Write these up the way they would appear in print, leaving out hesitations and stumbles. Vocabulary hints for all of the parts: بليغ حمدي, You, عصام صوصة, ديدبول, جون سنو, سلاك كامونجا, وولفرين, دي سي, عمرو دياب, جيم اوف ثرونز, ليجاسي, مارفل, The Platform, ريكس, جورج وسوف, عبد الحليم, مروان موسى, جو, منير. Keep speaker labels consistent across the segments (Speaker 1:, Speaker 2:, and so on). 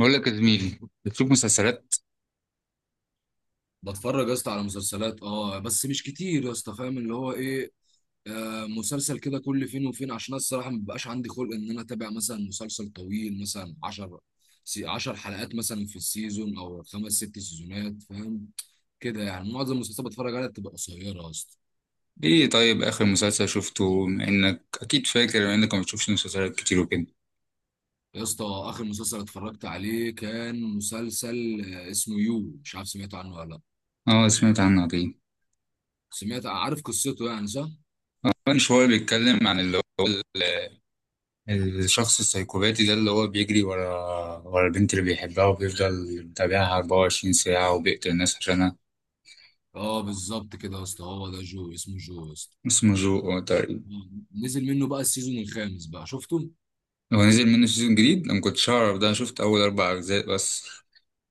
Speaker 1: بقول لك يا زميلي. بتشوف مسلسلات؟
Speaker 2: بتفرج يا اسطى على مسلسلات، اه، بس مش كتير يا اسطى. فاهم اللي هو ايه. آه، مسلسل كده كل فين وفين، عشان أنا الصراحه ما بيبقاش عندي خلق ان انا اتابع مثلا مسلسل طويل، مثلا 10 حلقات مثلا في السيزون او خمس ست سيزونات، فاهم كده. يعني معظم المسلسلات بتفرج عليها بتبقى قصيره يا اسطى.
Speaker 1: ايه طيب، اخر مسلسل شفته؟ بما انك اكيد فاكر، بما انك ما بتشوفش مسلسلات كتير وكده.
Speaker 2: يا اسطى، اخر مسلسل اتفرجت عليه كان مسلسل اسمه يو. مش عارف سمعت عنه ولا لا.
Speaker 1: اه سمعت عنه، عظيم.
Speaker 2: سمعت؟ عارف قصته يعني، صح؟
Speaker 1: كان شويه بيتكلم عن اللي هو الشخص السايكوباتي ده اللي هو بيجري ورا البنت اللي بيحبها وبيفضل يتابعها 24 ساعه وبيقتل الناس عشانها.
Speaker 2: اه بالظبط كده يا اسطى، هو ده جو، اسمه جو يا اسطى.
Speaker 1: اسمه جو، تقريبا.
Speaker 2: نزل منه بقى السيزون الخامس، بقى شفته؟
Speaker 1: هو نزل منه سيزون جديد؟ انا ما كنتش اعرف ده، أنا شفت اول 4 اجزاء بس.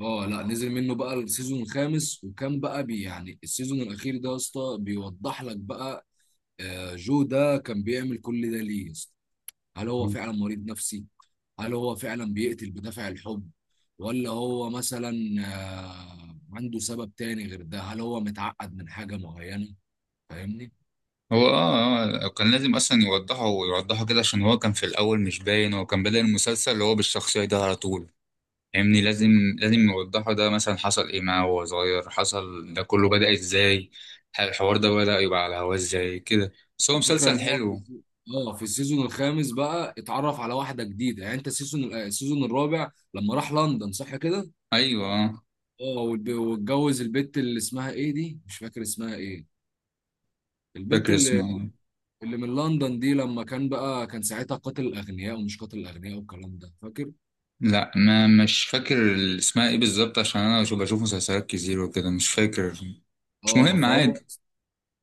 Speaker 2: اه لا، نزل منه بقى السيزون الخامس، وكان بقى بي يعني السيزون الاخير ده يا اسطى بيوضح لك بقى، آه، جو ده كان بيعمل كل ده ليه يا اسطى. هل هو فعلا مريض نفسي؟ هل هو فعلا بيقتل بدافع الحب؟ ولا هو مثلا، آه، عنده سبب تاني غير ده؟ هل هو متعقد من حاجة معينة؟ فاهمني.
Speaker 1: هو كان لازم اصلا يوضحه ويوضحه كده، عشان هو كان في الاول مش باين. هو كان بدأ المسلسل اللي هو بالشخصيه ده على طول، فاهمني؟ لازم يوضحه ده مثلا، حصل ايه معاه وهو صغير، حصل ده كله، بدأ ازاي الحوار ده، بدأ يبقى على هواه ازاي كده. بس هو
Speaker 2: الفكرة
Speaker 1: مسلسل
Speaker 2: ان هو في
Speaker 1: حلو.
Speaker 2: اه في السيزون الخامس بقى اتعرف على واحدة جديدة. يعني انت السيزون الرابع لما راح لندن، صح كده؟
Speaker 1: ايوه
Speaker 2: اه واتجوز البت اللي اسمها ايه دي؟ مش فاكر اسمها ايه؟ البت
Speaker 1: فاكر
Speaker 2: اللي
Speaker 1: اسمه.
Speaker 2: اللي من لندن دي، لما كان بقى كان ساعتها قاتل الاغنياء ومش قاتل الاغنياء والكلام ده، فاكر؟
Speaker 1: لا، ما مش فاكر. اسمها ايه بالظبط؟ عشان انا بشوف مسلسلات كتير وكده، مش فاكر. مش
Speaker 2: اه
Speaker 1: مهم،
Speaker 2: فهو.
Speaker 1: عادي.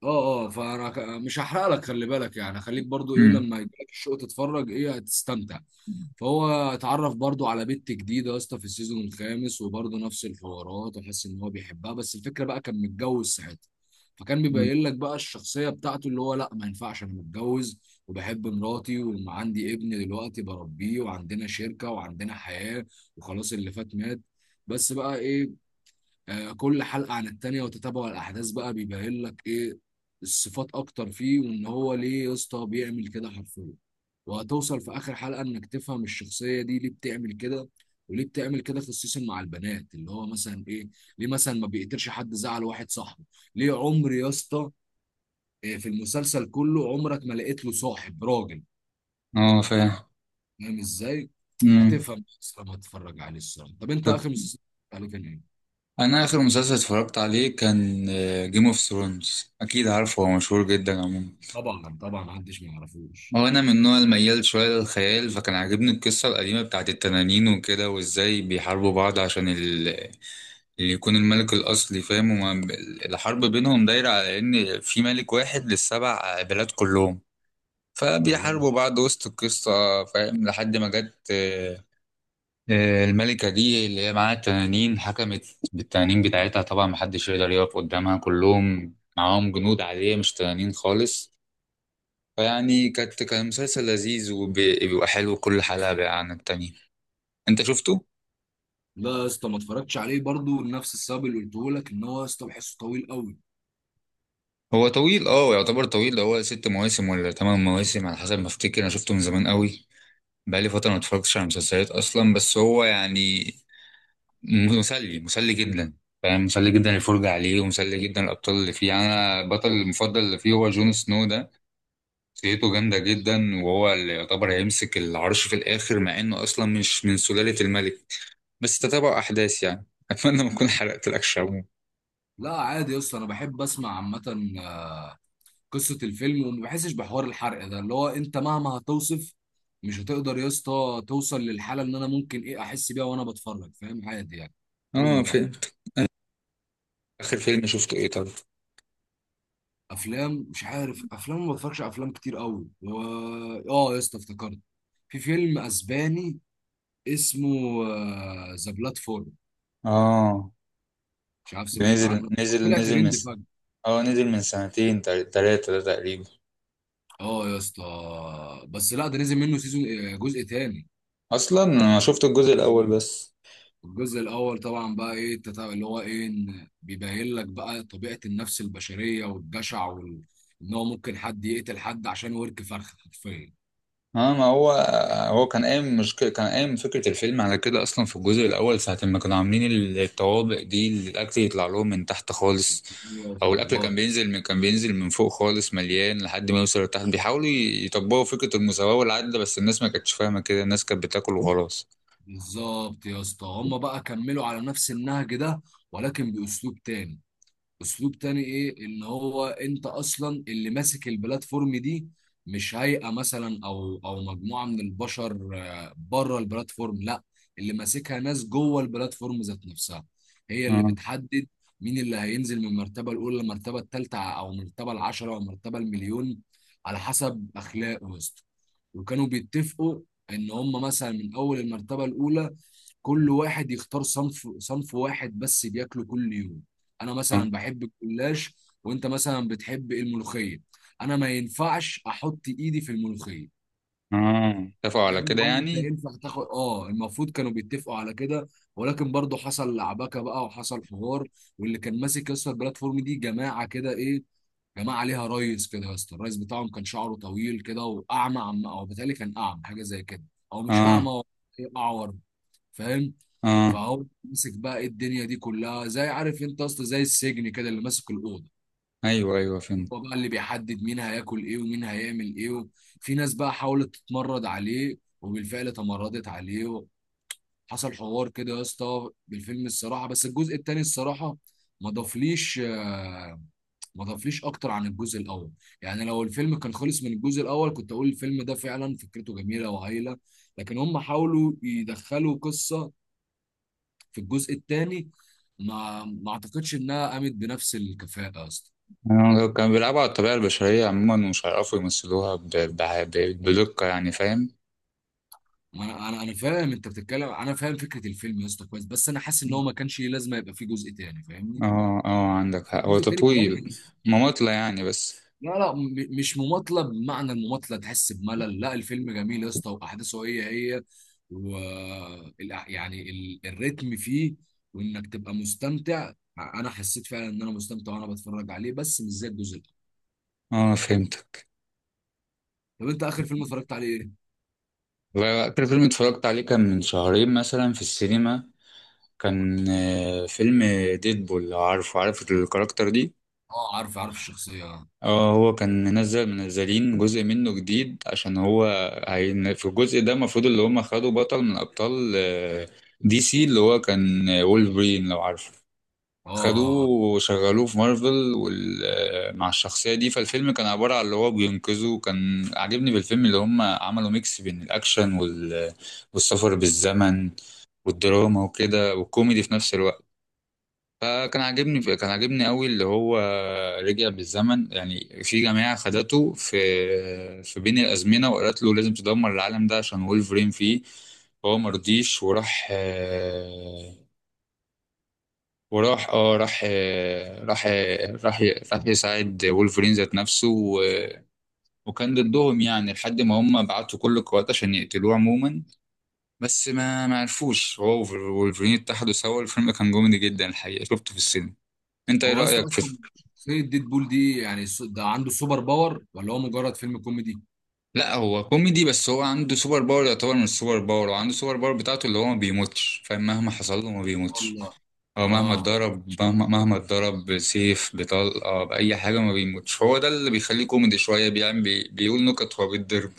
Speaker 2: اه اه فانا مش هحرق لك، خلي بالك يعني، خليك برضو ايه،
Speaker 1: امم.
Speaker 2: لما يجيلك الشوق تتفرج ايه هتستمتع. فهو اتعرف برضو على بنت جديدة يا اسطى في السيزون الخامس، وبرضو نفس الحوارات، وحس ان هو بيحبها. بس الفكرة بقى كان متجوز ساعتها، فكان بيبين لك بقى الشخصية بتاعته اللي هو لا، ما ينفعش انا متجوز وبحب مراتي وعندي ابن دلوقتي بربيه وعندنا شركة وعندنا حياة. وخلاص، اللي فات مات. بس بقى ايه، آه، كل حلقة عن التانية، وتتابع الأحداث بقى بيبين لك إيه الصفات أكتر فيه، وإن هو ليه يا اسطى بيعمل كده حرفيا. وهتوصل في آخر حلقة إنك تفهم الشخصية دي ليه بتعمل كده، وليه بتعمل كده خصيصا مع البنات، اللي هو مثلا إيه، ليه مثلا ما بيقدرش حد زعل واحد صاحبه. ليه عمر يا اسطى، آه، في المسلسل كله عمرك ما لقيت له صاحب راجل.
Speaker 1: اه فاهم.
Speaker 2: فاهم إزاي؟
Speaker 1: امم.
Speaker 2: هتفهم بس لما تتفرج عليه الصراحة. طب أنت، آخر مسلسل اتفرجت عليه كان إيه؟
Speaker 1: انا اخر مسلسل اتفرجت عليه كان جيم اوف ثرونز، اكيد عارفه، هو مشهور جدا عموما.
Speaker 2: طبعا طبعا محدش ما يعرفوش.
Speaker 1: هو انا من النوع الميال شويه للخيال، فكان عاجبني القصه القديمه بتاعت التنانين وكده، وازاي بيحاربوا بعض عشان اللي يكون الملك الاصلي، فاهم؟ الحرب بينهم دايره على ان في ملك واحد للسبع بلاد كلهم،
Speaker 2: والله.
Speaker 1: فبيحاربوا بعض وسط القصه، فاهم؟ لحد ما جت الملكة دي اللي هي معاها التنانين، حكمت بالتنانين بتاعتها. طبعا محدش يقدر يقف قدامها، كلهم معاهم جنود عادية مش تنانين خالص. فيعني كان مسلسل لذيذ، وبيبقى حلو كل حلقة بقى عن التانية. انت شفته؟
Speaker 2: لا يا اسطى، ما اتفرجتش عليه برضو لنفس السبب اللي قلته لك، ان هو يا اسطى بحسه طويل قوي.
Speaker 1: هو طويل، اه يعتبر طويل، ده هو 6 مواسم ولا 8 مواسم على حسب ما افتكر، انا شفته من زمان قوي. بقالي فترة ما اتفرجتش على مسلسلات اصلا، بس هو يعني مسلي جدا، فاهم؟ مسلي جدا الفرجة عليه، ومسلي جدا الأبطال اللي فيه. يعني أنا البطل المفضل اللي فيه هو جون سنو ده، شخصيته جامدة جدا، وهو اللي يعتبر هيمسك العرش في الآخر، مع إنه أصلا مش من سلالة الملك. بس تتابع أحداث يعني، أتمنى ما أكون حرقت لك، شابو.
Speaker 2: لا عادي يا اسطى، انا بحب اسمع عامه قصه الفيلم، وما بحسش بحوار الحرق ده، اللي هو انت مهما هتوصف مش هتقدر يا اسطى توصل للحاله اللي انا ممكن ايه احس بيها وانا بتفرج. فاهم؟ عادي يعني، اتكلم براحتك.
Speaker 1: في آخر فيلم شفته إيه طيب؟
Speaker 2: افلام، مش عارف، افلام ما بتفرجش على افلام كتير قوي و... اه يا اسطى افتكرت، في فيلم اسباني اسمه ذا بلاتفورم.
Speaker 1: آه
Speaker 2: مش عارف
Speaker 1: ده
Speaker 2: سمعت
Speaker 1: نزل
Speaker 2: عنه.
Speaker 1: نزل
Speaker 2: طلع
Speaker 1: نزل من
Speaker 2: ترند
Speaker 1: س-
Speaker 2: فجأة.
Speaker 1: آه نزل من سنتين 3 ده تقريبا.
Speaker 2: اه يا اسطى، بس لا، ده نزل منه سيزون، آه، جزء تاني.
Speaker 1: أصلا أنا شفت الجزء الأول
Speaker 2: مم.
Speaker 1: بس.
Speaker 2: الجزء الاول طبعا بقى ايه اللي هو ايه إن بيبين لك بقى طبيعه النفس البشريه والجشع وال... ان هو ممكن حد يقتل حد عشان ورك فرخه حرفيا.
Speaker 1: اه ما هو كان قايم، مش كان قايم فكرة الفيلم على كده أصلا في الجزء الأول، ساعة ما كانوا عاملين الطوابق دي اللي الأكل يطلع لهم من تحت خالص.
Speaker 2: أيوة،
Speaker 1: أو الأكل كان
Speaker 2: طبقات.
Speaker 1: بينزل من، كان بينزل من فوق خالص مليان لحد ما يوصل لتحت، بيحاولوا يطبقوا فكرة المساواة والعدل، بس الناس ما كانتش فاهمة كده، الناس كانت بتاكل وخلاص.
Speaker 2: بالظبط يا اسطى، هم بقى كملوا على نفس النهج ده ولكن باسلوب تاني. اسلوب تاني ايه، ان هو انت اصلا اللي ماسك البلاتفورم دي. مش هيئة مثلا او مجموعة من البشر، آه، بره البلاتفورم، لا. اللي ماسكها ناس جوه البلاتفورم ذات نفسها، هي اللي
Speaker 1: اه
Speaker 2: بتحدد مين اللي هينزل من المرتبة الأولى للمرتبة الثالثة أو المرتبة العشرة أو المرتبة المليون، على حسب أخلاقه يا اسطى. وكانوا بيتفقوا إن هم مثلا من أول المرتبة الأولى كل واحد يختار صنف واحد بس بياكله كل يوم. انا
Speaker 1: اه
Speaker 2: مثلا بحب الجلاش، وانت مثلا بتحب الملوخيه. انا ما ينفعش احط ايدي في الملوخيه،
Speaker 1: اه، اتفقوا على
Speaker 2: فاهم؟
Speaker 1: كده
Speaker 2: ولا انت
Speaker 1: يعني.
Speaker 2: ينفع تاخد؟ اه، المفروض كانوا بيتفقوا على كده، ولكن برضه حصل لعبكه بقى وحصل حوار. واللي كان ماسك يا اسطى البلاتفورم دي جماعه كده ايه، جماعه عليها ريس كده يا اسطى. الريس بتاعهم كان شعره طويل كده، واعمى، عم او بيتهيألي كان اعمى حاجه زي كده. او مش
Speaker 1: اه
Speaker 2: اعمى هو، إيه، اعور، فاهم.
Speaker 1: اه،
Speaker 2: فهو ماسك بقى إيه الدنيا دي كلها، زي عارف انت اصلا، زي السجن كده اللي ماسك الاوضه.
Speaker 1: أيوه أيوه فهمت.
Speaker 2: هو بقى اللي بيحدد مين هياكل ايه ومين هيعمل ايه. في ناس بقى حاولت تتمرد عليه، وبالفعل تمردت عليه. حصل حوار كده يا اسطى بالفيلم الصراحه. بس الجزء التاني الصراحه ما ضافليش، آه، ما ضافليش اكتر عن الجزء الاول. يعني لو الفيلم كان خلص من الجزء الاول كنت اقول الفيلم ده فعلا فكرته جميله وهايله، لكن هم حاولوا يدخلوا قصه في الجزء الثاني ما اعتقدش انها قامت بنفس الكفاءه اصلا.
Speaker 1: كانوا بيلعبوا على الطبيعة البشرية عموما، ومش هيعرفوا يمثلوها بدقة يعني، فاهم؟
Speaker 2: ما انا فاهم انت بتتكلم. انا فاهم فكره الفيلم يا اسطى كويس، بس انا حاسس ان هو ما كانش ليه لازمه يبقى فيه جزء تاني، فاهمني.
Speaker 1: اه اه عندك
Speaker 2: في
Speaker 1: حق، هو
Speaker 2: الجزء التاني
Speaker 1: طويل.
Speaker 2: كويس.
Speaker 1: مماطلة يعني بس.
Speaker 2: لا لا مش مماطله بمعنى المماطله تحس بملل، لا، الفيلم جميل يا اسطى واحداثه هي هي، و الريتم فيه، وانك تبقى مستمتع. انا حسيت فعلا ان انا مستمتع وانا بتفرج عليه، بس مش زي الجزء الاول.
Speaker 1: اه فهمتك.
Speaker 2: طب انت اخر فيلم اتفرجت عليه ايه؟
Speaker 1: والله، آخر فيلم اتفرجت عليه كان من شهرين مثلا في السينما، كان فيلم ديدبول، لو عارفه، عارف الكاركتر دي.
Speaker 2: اه عارف عارف الشخصيه اه.
Speaker 1: اه، هو كان منزل، منزلين جزء منه جديد، عشان هو هين في الجزء ده. المفروض اللي هم خدوا بطل من أبطال دي سي، اللي هو كان وولفرين، لو عارفه.
Speaker 2: اه
Speaker 1: خدوه
Speaker 2: اه.
Speaker 1: وشغلوه في مارفل وال... آه، مع الشخصية دي. فالفيلم كان عبارة عن اللي هو بينقذه، وكان عاجبني بالفيلم اللي هم عملوا ميكس بين الأكشن والسفر بالزمن والدراما وكده، والكوميدي في نفس الوقت. فكان عاجبني، كان عاجبني قوي اللي هو رجع بالزمن. يعني في جماعة خدته في بين الأزمنة، وقالت له لازم تدمر العالم ده عشان وولفرين فيه. فهو مرضيش، وراح اه راح آه، راح آه، راح راح يساعد وولفرين ذات نفسه، وكان ضدهم يعني، لحد ما هم بعتوا كل القوات عشان يقتلوه عموما. بس ما عرفوش، هو وولفرين اتحدوا سوا. الفيلم كان كوميدي جدا الحقيقة، شفته في السينما. انت ايه
Speaker 2: هو يا اسطى
Speaker 1: رأيك في...
Speaker 2: اصلا شخصيه ديدبول دي، يعني ده عنده سوبر باور ولا هو مجرد فيلم كوميدي؟
Speaker 1: لا هو كوميدي، بس هو عنده سوبر باور، يعتبر من السوبر باور، وعنده سوبر باور بتاعته اللي هو ما بيموتش، فاهم؟ مهما حصل له ما بيموتش.
Speaker 2: والله.
Speaker 1: هو مهما
Speaker 2: اه،
Speaker 1: اتضرب، مهما اتضرب بسيف، بطلقة، بأي حاجة، ما بيموتش. هو ده اللي بيخليه كوميدي شوية، بيعمل بيقول نكت وهو بيتضرب.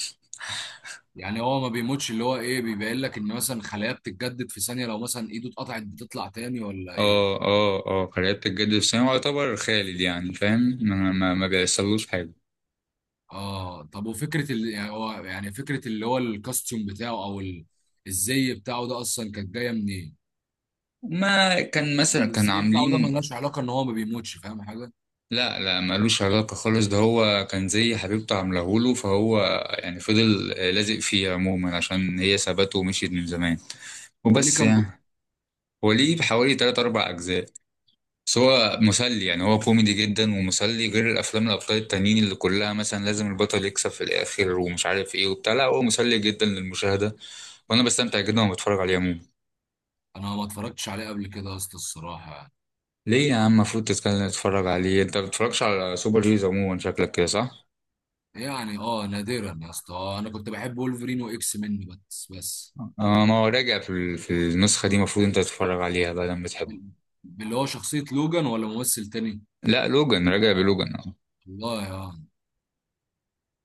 Speaker 2: يعني هو ما بيموتش، اللي هو ايه، بيبين لك ان مثلا خلايا بتتجدد في ثانيه، لو مثلا ايده اتقطعت بتطلع تاني، ولا ايه؟
Speaker 1: اه اه اه قرية الجد السنة، هو يعتبر خالد يعني، فاهم؟ ما بيحصلوش حاجة.
Speaker 2: اه، طب وفكره ال... يعني هو يعني فكره اللي هو الكاستيوم بتاعه او ال... الزي بتاعه ده اصلا كانت جايه منين؟
Speaker 1: ما كان مثلا كان
Speaker 2: الزي بتاعه ده
Speaker 1: عاملين...
Speaker 2: ملهاش علاقه ان هو ما بيموتش، فاهم حاجه.
Speaker 1: لا لا، مالوش علاقة خالص، ده هو كان زي حبيبته عاملهوله، فهو يعني فضل لازق فيه عموما عشان هي سابته ومشيت من زمان،
Speaker 2: هو ليه
Speaker 1: وبس
Speaker 2: كام جزء؟
Speaker 1: يعني. هو ليه حوالي 3 أو 4 أجزاء، بس هو مسلي يعني، هو كوميدي جدا ومسلي، غير الافلام الابطال التانيين اللي كلها مثلا لازم البطل يكسب في الاخر ومش عارف ايه وبتاع. لا هو مسلي جدا للمشاهده، وانا بستمتع جدا وانا بتفرج عليه عموما.
Speaker 2: انا ما اتفرجتش عليه قبل كده يا اسطى الصراحه يعني.
Speaker 1: ليه يا عم؟ المفروض تتكلم، تتفرج عليه. انت ما بتتفرجش على سوبر هيروز عموما، شكلك كده صح؟
Speaker 2: يعني اه نادرا يا اسطى، آه، انا كنت بحب وولفرين واكس من، بس بس.
Speaker 1: اه ما هو راجع، في النسخه دي المفروض انت تتفرج عليها بقى لما تحب.
Speaker 2: اللي هو شخصية لوجان ولا ممثل تاني؟
Speaker 1: لا لوجان، راجع بلوجان، اه.
Speaker 2: والله يا.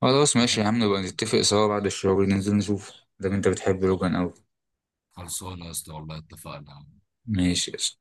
Speaker 1: خلاص
Speaker 2: ده
Speaker 1: ماشي
Speaker 2: حلو.
Speaker 1: يا عم، نبقى نتفق سوا بعد الشغل ننزل نشوف. ده انت بتحب لوجان اوي.
Speaker 2: خلصانه يا اسطى والله، اتفقنا.
Speaker 1: ماشي.